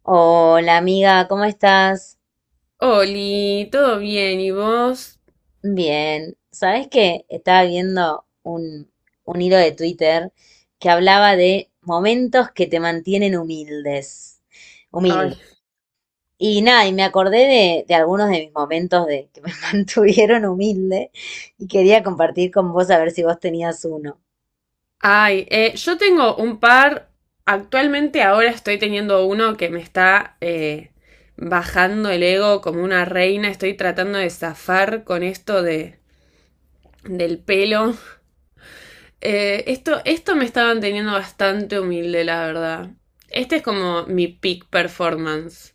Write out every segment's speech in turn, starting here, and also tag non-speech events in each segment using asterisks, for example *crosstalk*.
Hola amiga, ¿cómo estás? Oli, ¿todo bien? ¿Y vos? Bien. ¿Sabes qué? Estaba viendo un hilo de Twitter que hablaba de momentos que te mantienen humildes. Ay, Humilde. Y nada, y me acordé de algunos de mis momentos de que me *laughs* mantuvieron humilde y quería compartir con vos a ver si vos tenías uno. Yo tengo un par, actualmente ahora estoy teniendo uno que me está bajando el ego como una reina, estoy tratando de zafar con esto de, del pelo. Esto me estaba manteniendo bastante humilde, la verdad. Este es como mi peak performance.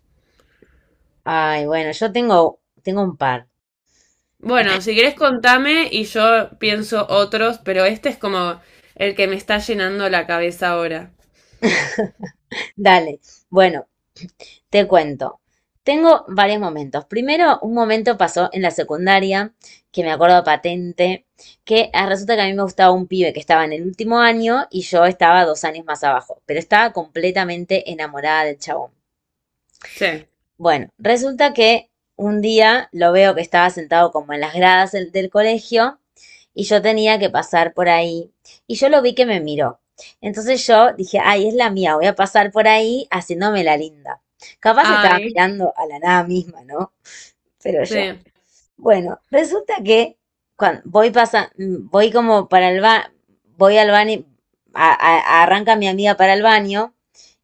Ay, bueno, yo tengo, tengo un par. Bueno, si querés contame y yo pienso otros, pero este es como el que me está llenando la cabeza ahora. Dale. Bueno, te cuento. Tengo varios momentos. Primero, un momento pasó en la secundaria, que me acuerdo patente, que resulta que a mí me gustaba un pibe que estaba en el último año y yo estaba dos años más abajo, pero estaba completamente enamorada del chabón. Sí. Bueno, resulta que un día lo veo que estaba sentado como en las gradas del colegio y yo tenía que pasar por ahí y yo lo vi que me miró. Entonces yo dije, ay, es la mía, voy a pasar por ahí haciéndome la linda. Capaz estaba Ay, mirando a la nada misma, ¿no? Pero sí, yo. Bueno, resulta que cuando voy pasa, voy como para el ba, voy al baño, arranca mi amiga para el baño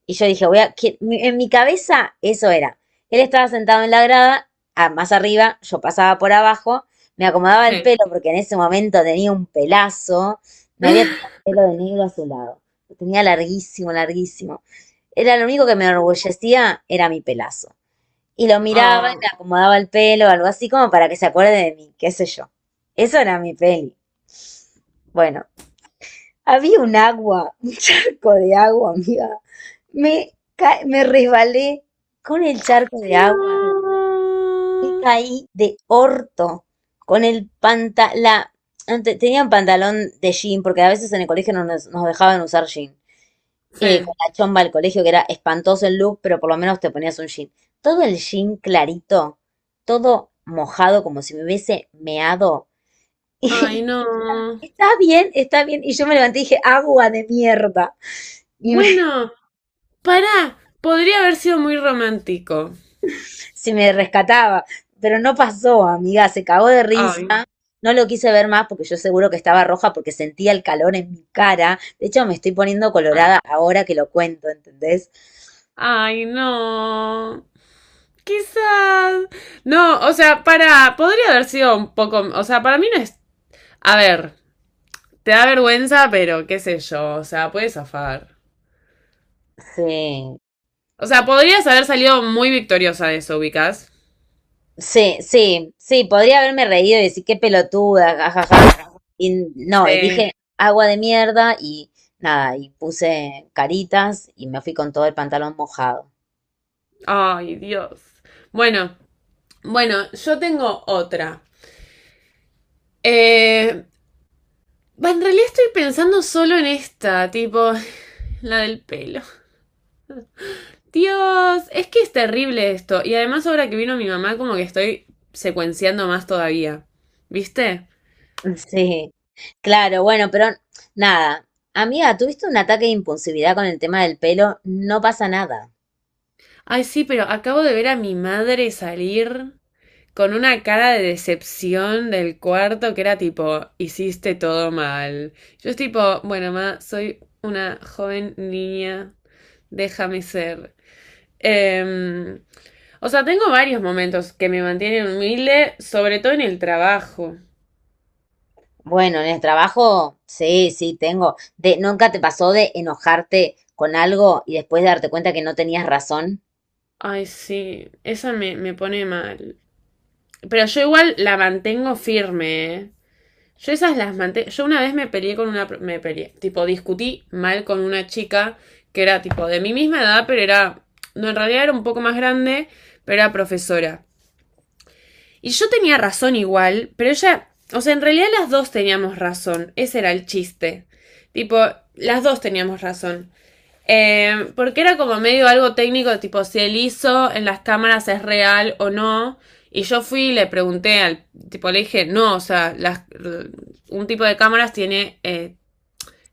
y yo dije, voy a, que- mi- en mi cabeza eso era. Él estaba sentado en la grada, más arriba, yo pasaba por abajo, me acomodaba el sí. pelo porque en ese momento tenía un pelazo, me había tenido *laughs* el pelo de negro azulado, lo tenía larguísimo, larguísimo. Era lo único que me enorgullecía, era mi pelazo. Y lo miraba y Oh, le acomodaba el pelo, algo así como para que se acuerde de mí, qué sé yo. Eso era mi peli. Bueno, había un agua, *laughs* un charco de agua, amiga. Me, me resbalé con el charco de agua y no. caí de orto con el pantalón. Tenía un pantalón de jean, porque a veces en el colegio no nos dejaban usar jean. Con Sí. la chomba del colegio, que era espantoso el look, pero por lo menos te ponías un jean. Todo el jean clarito, todo mojado, como si me hubiese meado. Ay, *laughs* no. Y está bien, está bien. Y yo me levanté y dije, agua de mierda. Y me- Bueno, pará. Podría haber sido muy romántico. *laughs* se me rescataba. Pero no pasó, amiga, se cagó de Ay, risa. No lo quise ver más porque yo seguro que estaba roja porque sentía el calor en mi cara. De hecho, me estoy poniendo ay, colorada ahora que lo cuento, ¿entendés? ay, no. Quizás. No, o sea, para. Podría haber sido un poco. O sea, para mí no es. A ver, te da vergüenza, pero qué sé yo. O sea, puedes zafar. Sí. O sea, podrías haber salido muy victoriosa de eso, ubicas. Sí, sí, sí, podría haberme reído y decir qué pelotuda, jajaja. Y no, y Sí. dije agua de mierda y nada, y puse caritas y me fui con todo el pantalón mojado. Ay, Dios. Bueno, bueno, yo tengo otra. Eh, en realidad estoy pensando solo en esta, tipo, *laughs* la del pelo. Dios, es que es terrible esto. Y además ahora que vino mi mamá, como que estoy secuenciando más todavía. ¿Viste? *laughs* Sí, claro, bueno, pero nada. Amiga, ¿tuviste un ataque de impulsividad con el tema del pelo? No pasa nada. Ay, sí, pero acabo de ver a mi madre salir con una cara de decepción del cuarto que era tipo, hiciste todo mal. Yo es tipo, bueno, ma, soy una joven niña, déjame ser. Em, o sea, tengo varios momentos que me mantienen humilde, sobre todo en el trabajo. Bueno, en el trabajo, sí, sí, tengo. De, ¿nunca te pasó de enojarte con algo y después darte cuenta que no tenías razón? Ay, sí, me pone mal. Pero yo igual la mantengo firme, ¿eh? Yo esas las manté. Yo una vez me peleé con una. Me peleé. Tipo, discutí mal con una chica que era tipo de mi misma edad, pero era. No, en realidad era un poco más grande, pero era profesora. Y yo tenía razón igual, pero ella. O sea, en realidad las dos teníamos razón. Ese era el chiste. Tipo, las dos teníamos razón. Porque era como medio algo técnico, tipo si el ISO en las cámaras es real o no. Y yo fui y le pregunté al tipo, le dije, no, o sea, las, un tipo de cámaras tiene,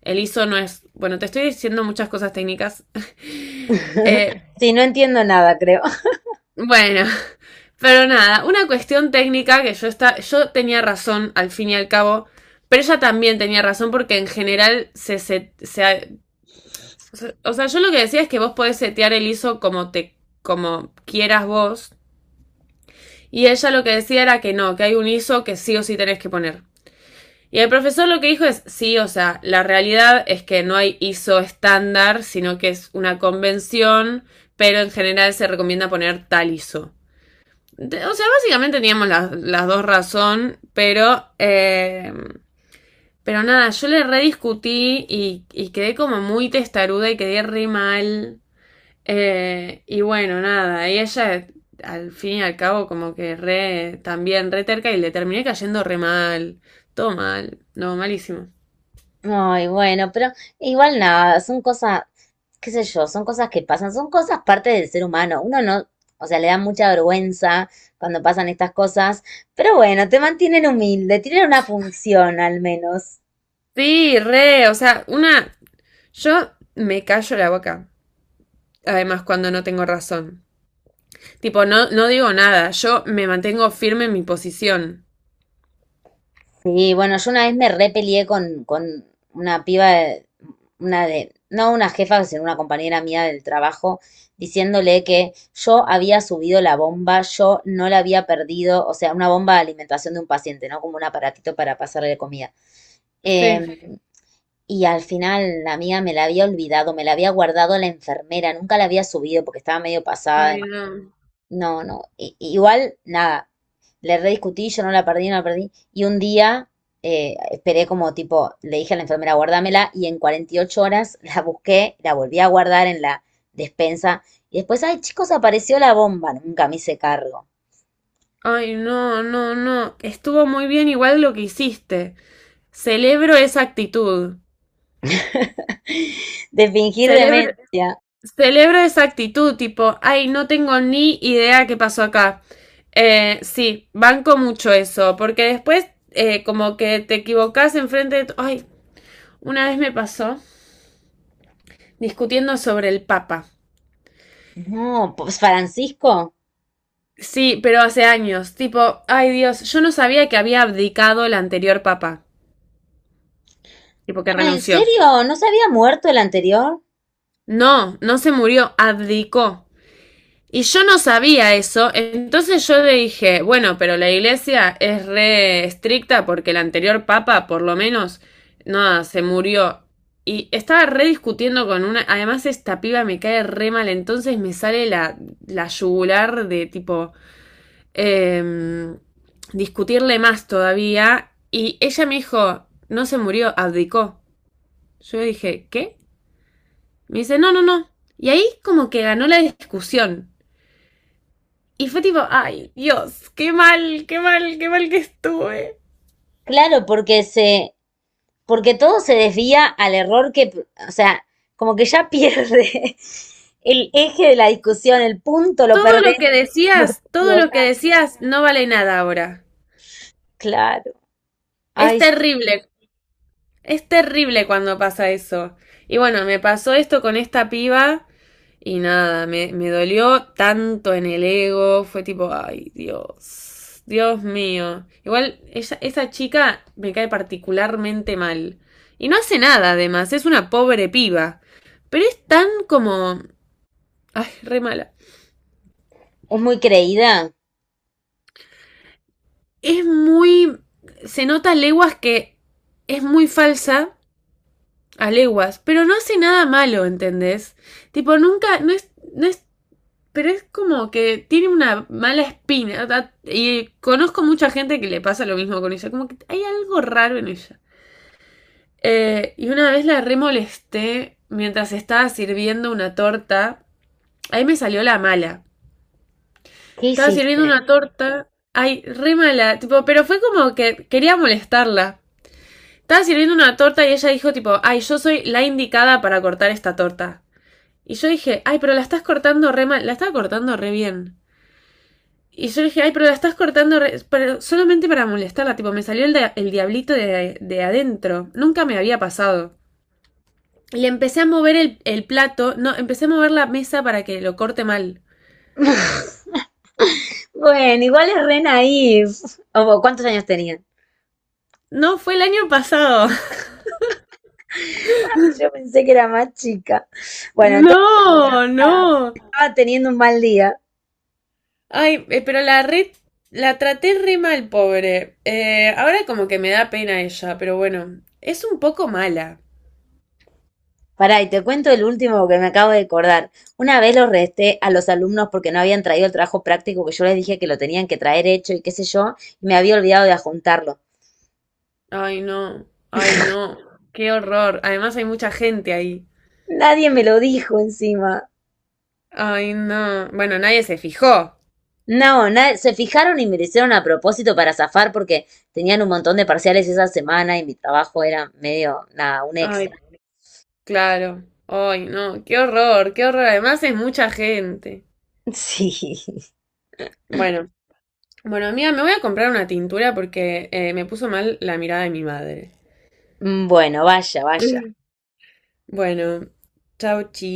el ISO no es, bueno, te estoy diciendo muchas cosas técnicas. Eh, Sí, no entiendo nada, creo. bueno, *laughs* pero nada, una cuestión técnica que yo, está, yo tenía razón al fin y al cabo, pero ella también tenía razón porque en general se O sea, yo lo que decía es que vos podés setear el ISO como te, como quieras vos. Y ella lo que decía era que no, que hay un ISO que sí o sí tenés que poner. Y el profesor lo que dijo es, sí, o sea, la realidad es que no hay ISO estándar, sino que es una convención, pero en general se recomienda poner tal ISO. O sea, básicamente teníamos las dos razón, pero nada, yo le rediscutí y quedé como muy testaruda y quedé re mal. Y bueno, nada, y ella al fin y al cabo como que re, también re terca y le terminé cayendo re mal, todo mal, no, malísimo. Ay, bueno, pero igual nada, son cosas, qué sé yo, son cosas que pasan, son cosas parte del ser humano. Uno no, o sea, le da mucha vergüenza cuando pasan estas cosas, pero bueno, te mantienen humilde, tienen una función al menos. Sí, re, o sea, una, yo me callo la boca, además cuando no tengo razón. Tipo, no, no digo nada, yo me mantengo firme en mi posición. Sí, bueno, yo una vez me repelié con una piba, de- una de, no una jefa, sino una compañera mía del trabajo, diciéndole que yo había subido la bomba, yo no la había perdido, o sea, una bomba de alimentación de un paciente, ¿no? Como un aparatito para pasarle comida. Sí. Eh, y al final la mía me la había olvidado, me la había guardado la enfermera, nunca la había subido porque estaba medio pasada. Ay, no. No, no. I- igual, nada. Le rediscutí, yo no la perdí, no la perdí. Y un día esperé como tipo, le dije a la enfermera, guárdamela, y en 48 horas *laughs* la busqué, la volví a guardar en la despensa. Y después, ay, chicos, apareció la bomba. Nunca me hice cargo. Ay, no, no, no. Estuvo muy bien igual lo que hiciste. Celebro esa actitud. De fingir Celebro, demencia. Celebro esa actitud, tipo, ay, no tengo ni idea qué pasó acá. Sí, banco mucho eso, porque después como que te equivocás enfrente de... Ay, una vez me pasó discutiendo sobre el Papa. No, pues Francisco. Sí, pero hace años, tipo, ay Dios, yo no sabía que había abdicado el anterior Papa, tipo que Ah, ¿en renunció. serio? ¿No se había muerto el anterior? No, no se murió, abdicó. Y yo no sabía eso, entonces yo le dije, bueno, pero la iglesia es re estricta porque el anterior papa, por lo menos, nada, se murió. Y estaba re discutiendo con una, además esta piba me cae re mal, entonces me sale la, la yugular de tipo, eh, discutirle más todavía. Y ella me dijo, no se murió, abdicó. Yo dije, ¿qué? Me dice, no, no, no. Y ahí como que ganó la discusión. Y fue tipo, ay, Dios, qué mal, qué mal, qué mal que estuve. Claro, porque se, porque todo se desvía al error que, o sea, como que ya pierde *laughs* el eje de la discusión, el punto lo Todo lo perdés, que *laughs* no te decías, todo lo que equivocás. decías no vale nada ahora. Claro. Es Ay, sí. terrible, es terrible cuando pasa eso. Y bueno, me pasó esto con esta piba y nada, me dolió tanto en el ego, fue tipo, ay, Dios, Dios mío. Igual ella, esa chica me cae particularmente mal. Y no hace nada, además, es una pobre piba. Pero es tan como Ay, re mala. Es muy creída. Es muy. Se nota a leguas que es muy falsa a leguas, pero no hace nada malo, ¿entendés? Tipo, nunca. No es. No es pero es como que tiene una mala espina. Y conozco mucha gente que le pasa lo mismo con ella. Como que hay algo raro en ella. Y una vez la remolesté mientras estaba sirviendo una torta. Ahí me salió la mala. ¿Qué Estaba sirviendo hiciste? una torta. Ay, re mala. Tipo, pero fue como que quería molestarla. Estaba sirviendo una torta y ella dijo tipo, ay, yo soy la indicada para cortar esta torta. Y yo dije, ay, pero la estás cortando re mal, la estaba cortando re bien. Y yo dije, ay, pero la estás cortando re- pero solamente para molestarla, tipo, me salió el diablito de adentro. Nunca me había pasado. Le empecé a mover el plato, no, empecé a mover la mesa para que lo corte mal. *laughs* Bueno, igual es re naif. O, ¿cuántos años tenía? No, fue el año pasado. *laughs* Ay, yo pensé que era más chica. Bueno, entonces, mira, No, no. estaba teniendo un mal día. Ay, pero la traté re mal, pobre. Ahora como que me da pena ella, pero bueno, es un poco mala. Pará, y te cuento el último que me acabo de acordar. Una vez los resté a los alumnos porque no habían traído el trabajo práctico que yo les dije que lo tenían que traer hecho y qué sé yo, y me había olvidado de adjuntarlo. Ay, no, qué horror. Además hay mucha gente ahí. Nadie me lo dijo encima. Ay, no. Bueno, nadie se fijó. No, na- se fijaron y me lo hicieron a propósito para zafar porque tenían un montón de parciales esa semana y mi trabajo era medio, nada, un extra. Ay, claro. Ay, no, qué horror, qué horror. Además es mucha gente. *laughs* Sí. Bueno, bueno, amiga, me voy a comprar una tintura porque me puso mal la mirada de mi madre. Bueno, vaya, vaya. *laughs* Bueno, chau, chi.